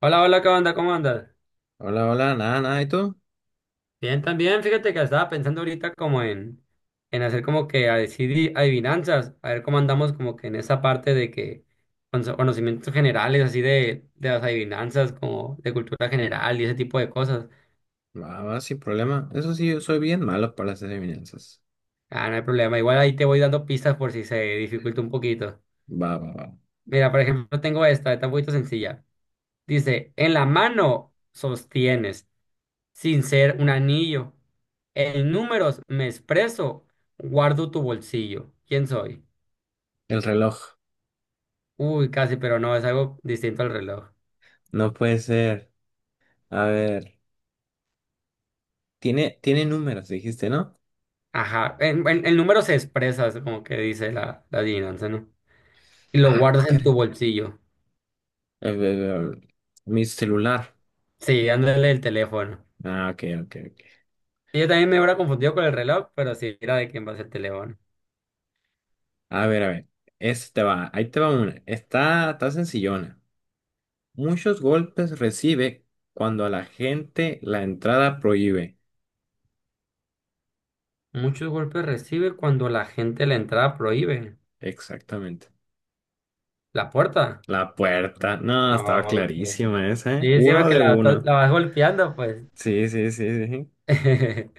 Hola, hola, ¿qué onda? ¿Cómo andas? Hola, hola, nada, nada, ¿y tú? Bien, también, fíjate que estaba pensando ahorita como en hacer como que a decidir adivinanzas, a ver cómo andamos como que en esa parte de que con conocimientos generales, así de las adivinanzas, como de cultura general y ese tipo de cosas. Va, va, sin problema. Eso sí, yo soy bien malo para las adivinanzas. Ah, no hay problema, igual ahí te voy dando pistas por si se dificulta un poquito. Va, va, va. Mira, por ejemplo, tengo esta, está un poquito sencilla. Dice, en la mano sostienes, sin ser un anillo. En números me expreso, guardo tu bolsillo. ¿Quién soy? El reloj. Uy, casi, pero no, es algo distinto al reloj. No puede ser. A ver. Tiene números, dijiste, ¿no? Ajá, en números se expresa, es como que dice la adivinanza, ¿no? Y lo Ah, guardas en tu caray. bolsillo. Eh, eh, eh, Mi celular. Sí, dándole el teléfono. Ah, ok, ok, ok. Yo también me hubiera confundido con el reloj, pero sí, era de quién va a ser el teléfono. A ver, a ver. Este te va, ahí te va una. Está sencillona. Muchos golpes recibe cuando a la gente la entrada prohíbe. Muchos golpes recibe cuando la gente la entrada prohíbe. Exactamente. La puerta. La puerta. No, estaba Ah, ok. clarísima esa, ¿eh? Sí, siempre Uno que de uno. la vas golpeando, pues. Sí, sí, sí, sí. Sí.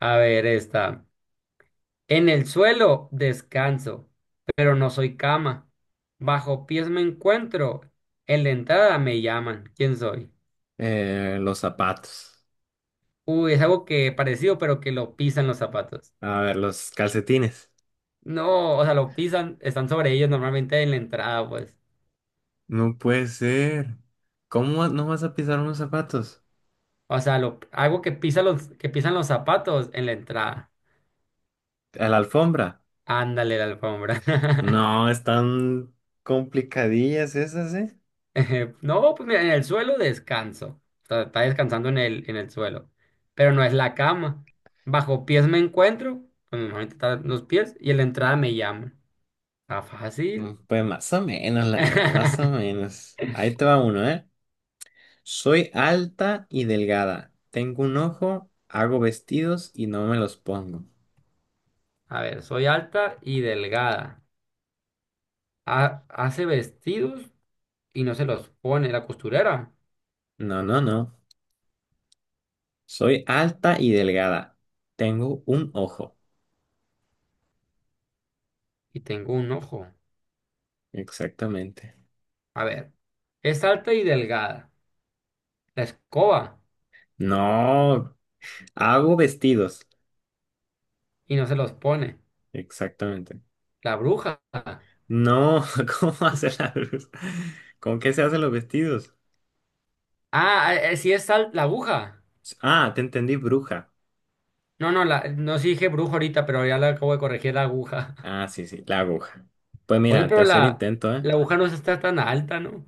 A ver, esta. En el suelo descanso, pero no soy cama. Bajo pies me encuentro. En la entrada me llaman. ¿Quién soy? Los zapatos. Uy, es algo que parecido, pero que lo pisan los zapatos. A ver, los calcetines. No, o sea, lo pisan, están sobre ellos normalmente en la entrada, pues. No puede ser. ¿No vas a pisar unos zapatos? O sea, lo, algo que pisa los, que pisan los zapatos en la entrada. ¿A la alfombra? Ándale, la alfombra. No, están complicadillas esas, ¿eh? No, pues mira, en el suelo descanso. Está descansando en el suelo. Pero no es la cama. Bajo pies me encuentro. Pues normalmente están los pies. Y en la entrada me llaman. Está Mm, fácil. pues más o menos, la verdad, más o menos. Ahí te va uno, ¿eh? Soy alta y delgada. Tengo un ojo, hago vestidos y no me los pongo. A ver, soy alta y delgada. Hace vestidos y no se los pone la costurera. No, no, no. Soy alta y delgada. Tengo un ojo. Y tengo un ojo. Exactamente. A ver, es alta y delgada. La escoba No, hago vestidos. y no se los pone. Exactamente. La bruja. No, ¿cómo hace la luz? ¿Con qué se hacen los vestidos? Ah, sí es la aguja. Ah, te entendí, bruja. No, no, la, no sí dije brujo ahorita, pero ya la acabo de corregir la aguja. Ah, sí, sí, la aguja. Pues Oye, mira, pero tercer intento, ¿eh? la aguja no está tan alta, ¿no?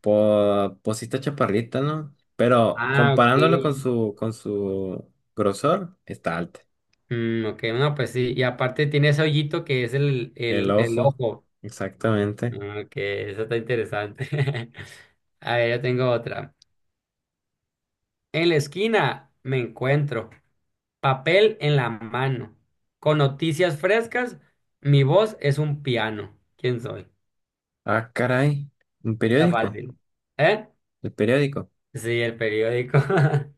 Pues sí está chaparrita, ¿no? Pero Ah, ok. comparándolo con su grosor, está alta. Mm, ok, no, pues sí. Y aparte tiene ese hoyito que es el, El el, el ojo, ojo. exactamente. Ah, ok, eso está interesante. A ver, yo tengo otra. En la esquina me encuentro papel en la mano. Con noticias frescas, mi voz es un piano. ¿Quién soy? Ah, caray, un Está periódico. fácil. ¿Eh? ¿El periódico? Sí, el periódico.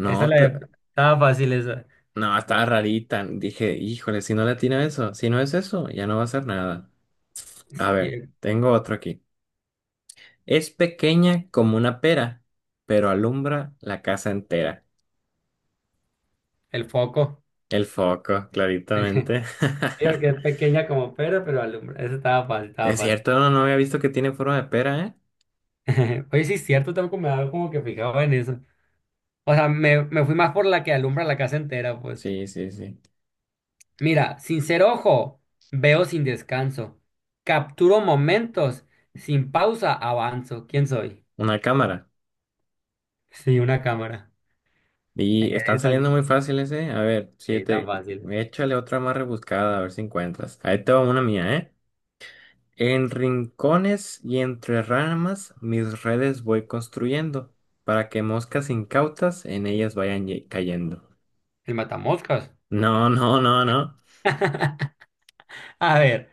Pero Estaba fácil esa. no, estaba rarita. Dije, híjole, si no le atina eso, si no es eso, ya no va a ser nada. A Sí, ver, tengo otro aquí. Es pequeña como una pera, pero alumbra la casa entera. el foco. El foco, claritamente. Digo que es pequeña como pera, pero alumbra. Esa estaba fácil, estaba Es fácil. cierto, no, no había visto que tiene forma de pera, ¿eh? Oye, sí es cierto, tampoco me daba como que fijaba en eso. O sea, me fui más por la que alumbra la casa entera, pues. Sí, sí, sí. Mira, sin ser ojo, veo sin descanso. Capturo momentos, sin pausa avanzo. ¿Quién soy? Una cámara. Sí, una cámara. Y están Es saliendo tan, muy fáciles, ¿eh? A ver, sí, tan siete. fácil. Échale otra más rebuscada, a ver si encuentras. Ahí te va una mía, ¿eh? En rincones y entre ramas mis redes voy construyendo para que moscas incautas en ellas vayan cayendo. El matamoscas. No, no, no, no. A ver,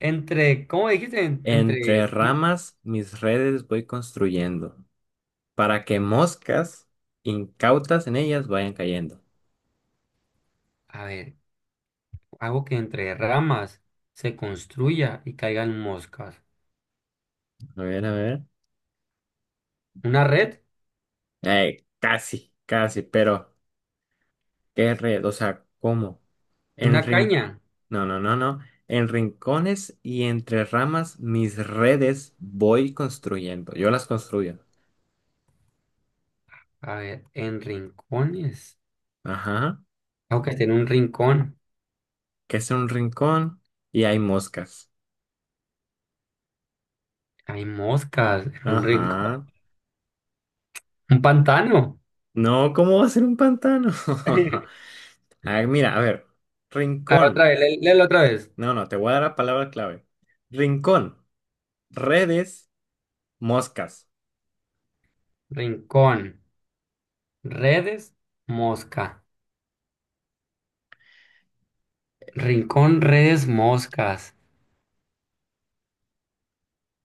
entre, ¿cómo dijiste? Entre, Entre ramas mis redes voy construyendo para que moscas incautas en ellas vayan cayendo. a ver, hago que entre ramas se construya y caigan moscas. A ver, a ver. ¿Una red? Casi, casi, pero... Qué red, o sea, ¿cómo? En ¿Una rin... caña? No, no, no, no. En rincones y entre ramas mis redes voy construyendo. Yo las construyo. A ver, en rincones. Ajá. Hago que esté en un rincón. Que es un rincón y hay moscas. Hay moscas en un rincón. Ajá. ¿Un pantano? No, ¿cómo va a ser un pantano? A ver, mira, a ver. A ver, otra Rincón. vez, léelo otra vez. No, no, te voy a dar la palabra clave. Rincón, redes, moscas. Rincón, redes, mosca. Rincón, redes, moscas.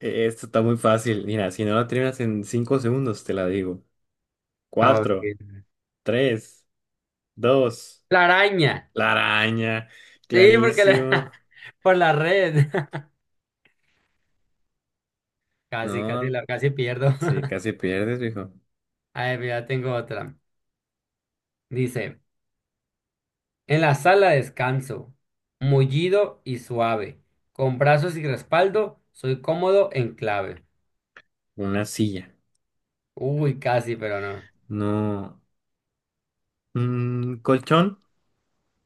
Esto está muy fácil. Mira, si no la terminas en 5 segundos, te la digo. A Cuatro. ver. Tres, dos, La araña. la araña, Sí, porque la clarísimo. por la red. Casi, casi, No, la, casi pierdo. sí, casi pierdes, viejo. A ver, mira, tengo otra. Dice, en la sala descanso, mullido y suave, con brazos y respaldo, soy cómodo en clave. Una silla, Uy, casi, pero no. no. Un colchón,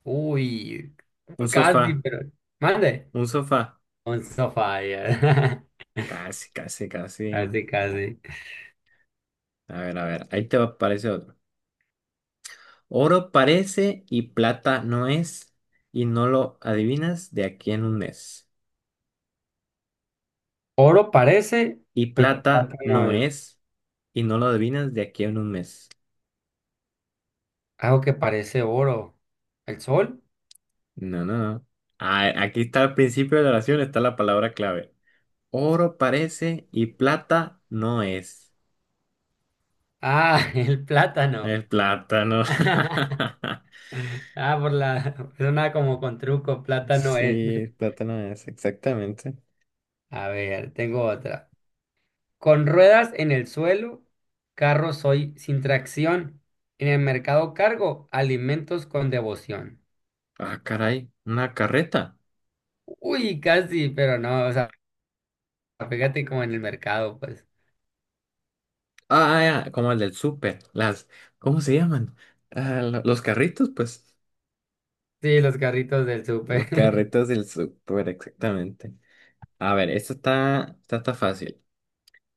Uy, un casi, sofá, pero no. Mande. un sofá. Un sofá, ya. Casi, casi, casi. Casi, casi. A ver, aparece otro. Oro parece y plata no es, y no lo adivinas de aquí en un mes. Oro parece, Y pero plata plátano no es. es, y no lo adivinas de aquí en un mes. Algo que parece oro. ¿El sol? No, no, no. Ah, aquí está al principio de la oración, está la palabra clave. Oro parece y plata no es. Ah, el plátano. Es plátano. Ah, por la... Suena como con truco, plátano es. Sí, plátano es, exactamente. A ver, tengo otra. Con ruedas en el suelo, carro soy sin tracción. En el mercado cargo alimentos con devoción. Ah, caray, una carreta. Uy, casi, pero no, o sea, fíjate como en el mercado, pues. Ah, ya, como el del súper. Las, ¿cómo se llaman? Ah, los carritos, pues. Sí, los carritos del Los súper. carritos del súper, exactamente. A ver, esta está fácil.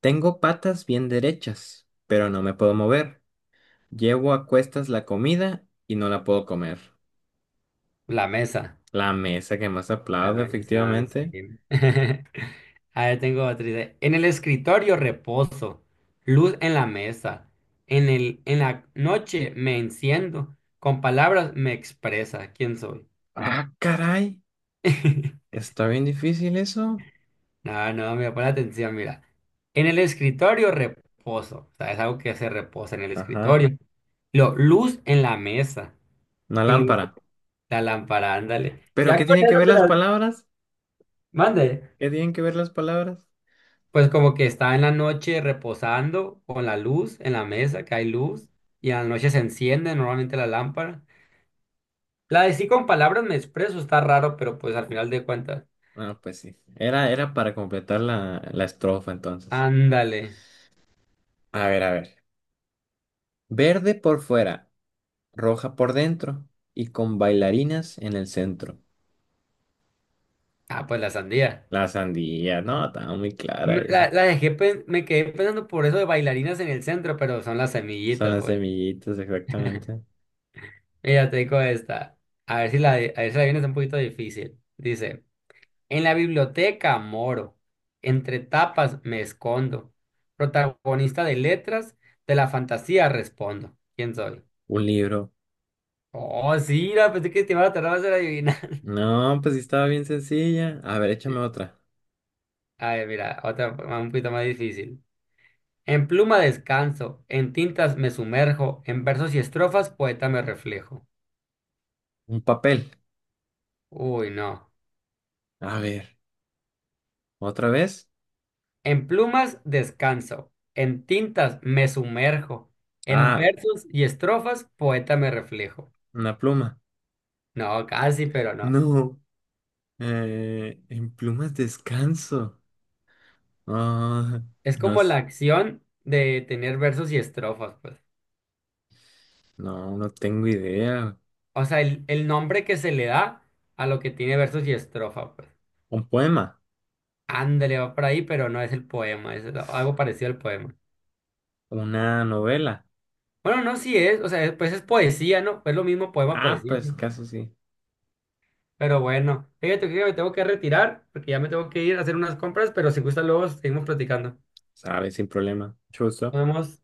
Tengo patas bien derechas, pero no me puedo mover. Llevo a cuestas la comida y no la puedo comer. La mesa. La mesa que más La aplaudo, mesa, efectivamente. sí. A ver, tengo otra idea. En el escritorio reposo, luz en la mesa. En la noche me enciendo, con palabras me expresa quién soy. Ah, caray. Está bien difícil eso. No, no, mira, pon atención, mira. En el escritorio, reposo. O sea, es algo que se reposa en el Ajá. escritorio. Lo luz en la mesa. Una Y luz lámpara. la lámpara, ándale. ¿Pero Ya qué con tienen que eso ver te las la palabras? mande. ¿Qué tienen que ver las palabras? Pues como que está en la noche reposando con la luz en la mesa, que hay luz. Y a la noche se enciende normalmente la lámpara. La de sí con palabras me expreso, está raro, pero pues al final de cuentas. Ah, pues sí. Era para completar la estrofa entonces. Ándale. A ver, a ver. Verde por fuera, roja por dentro y con bailarinas en el centro. Ah, pues la sandía. La sandía, no, estaba muy clara Me- La, esa. la dejé, me quedé pensando por eso de bailarinas en el centro, pero son las Son semillitas, las güey. semillitas, exactamente. Mira, te digo esta. A ver si a ver si la vienes un poquito difícil. Dice, en la biblioteca moro, entre tapas me escondo. Protagonista de letras, de la fantasía respondo. ¿Quién soy? Un libro. Oh, sí, la pensé que te iba a tardar más en adivinar. No, pues sí estaba bien sencilla. A ver, échame Sí. otra. A ver, mira, otra un poquito más difícil. En pluma descanso, en tintas me sumerjo, en versos y estrofas poeta me reflejo. Un papel. Uy, no. A ver, ¿otra vez? En plumas descanso, en tintas me sumerjo, en Ah, versos y estrofas poeta me reflejo. una pluma. No, casi, pero no. No. En plumas descanso. Ah, Es no, como la acción de tener versos y estrofas, pues. no, no tengo idea. O sea, el nombre que se le da a lo que tiene versos y estrofa, pues. Un poema. Ándale, va por ahí, pero no es el poema, es algo parecido al poema. Una novela. Bueno, no, sí es, o sea, pues es poesía, ¿no? Es lo mismo poema, Ah, poesía, pues ¿no? casi sí. Pero bueno, fíjate que me tengo que retirar porque ya me tengo que ir a hacer unas compras, pero si gusta luego seguimos platicando. Sabe, sin problema. Nos Chuzo. vemos.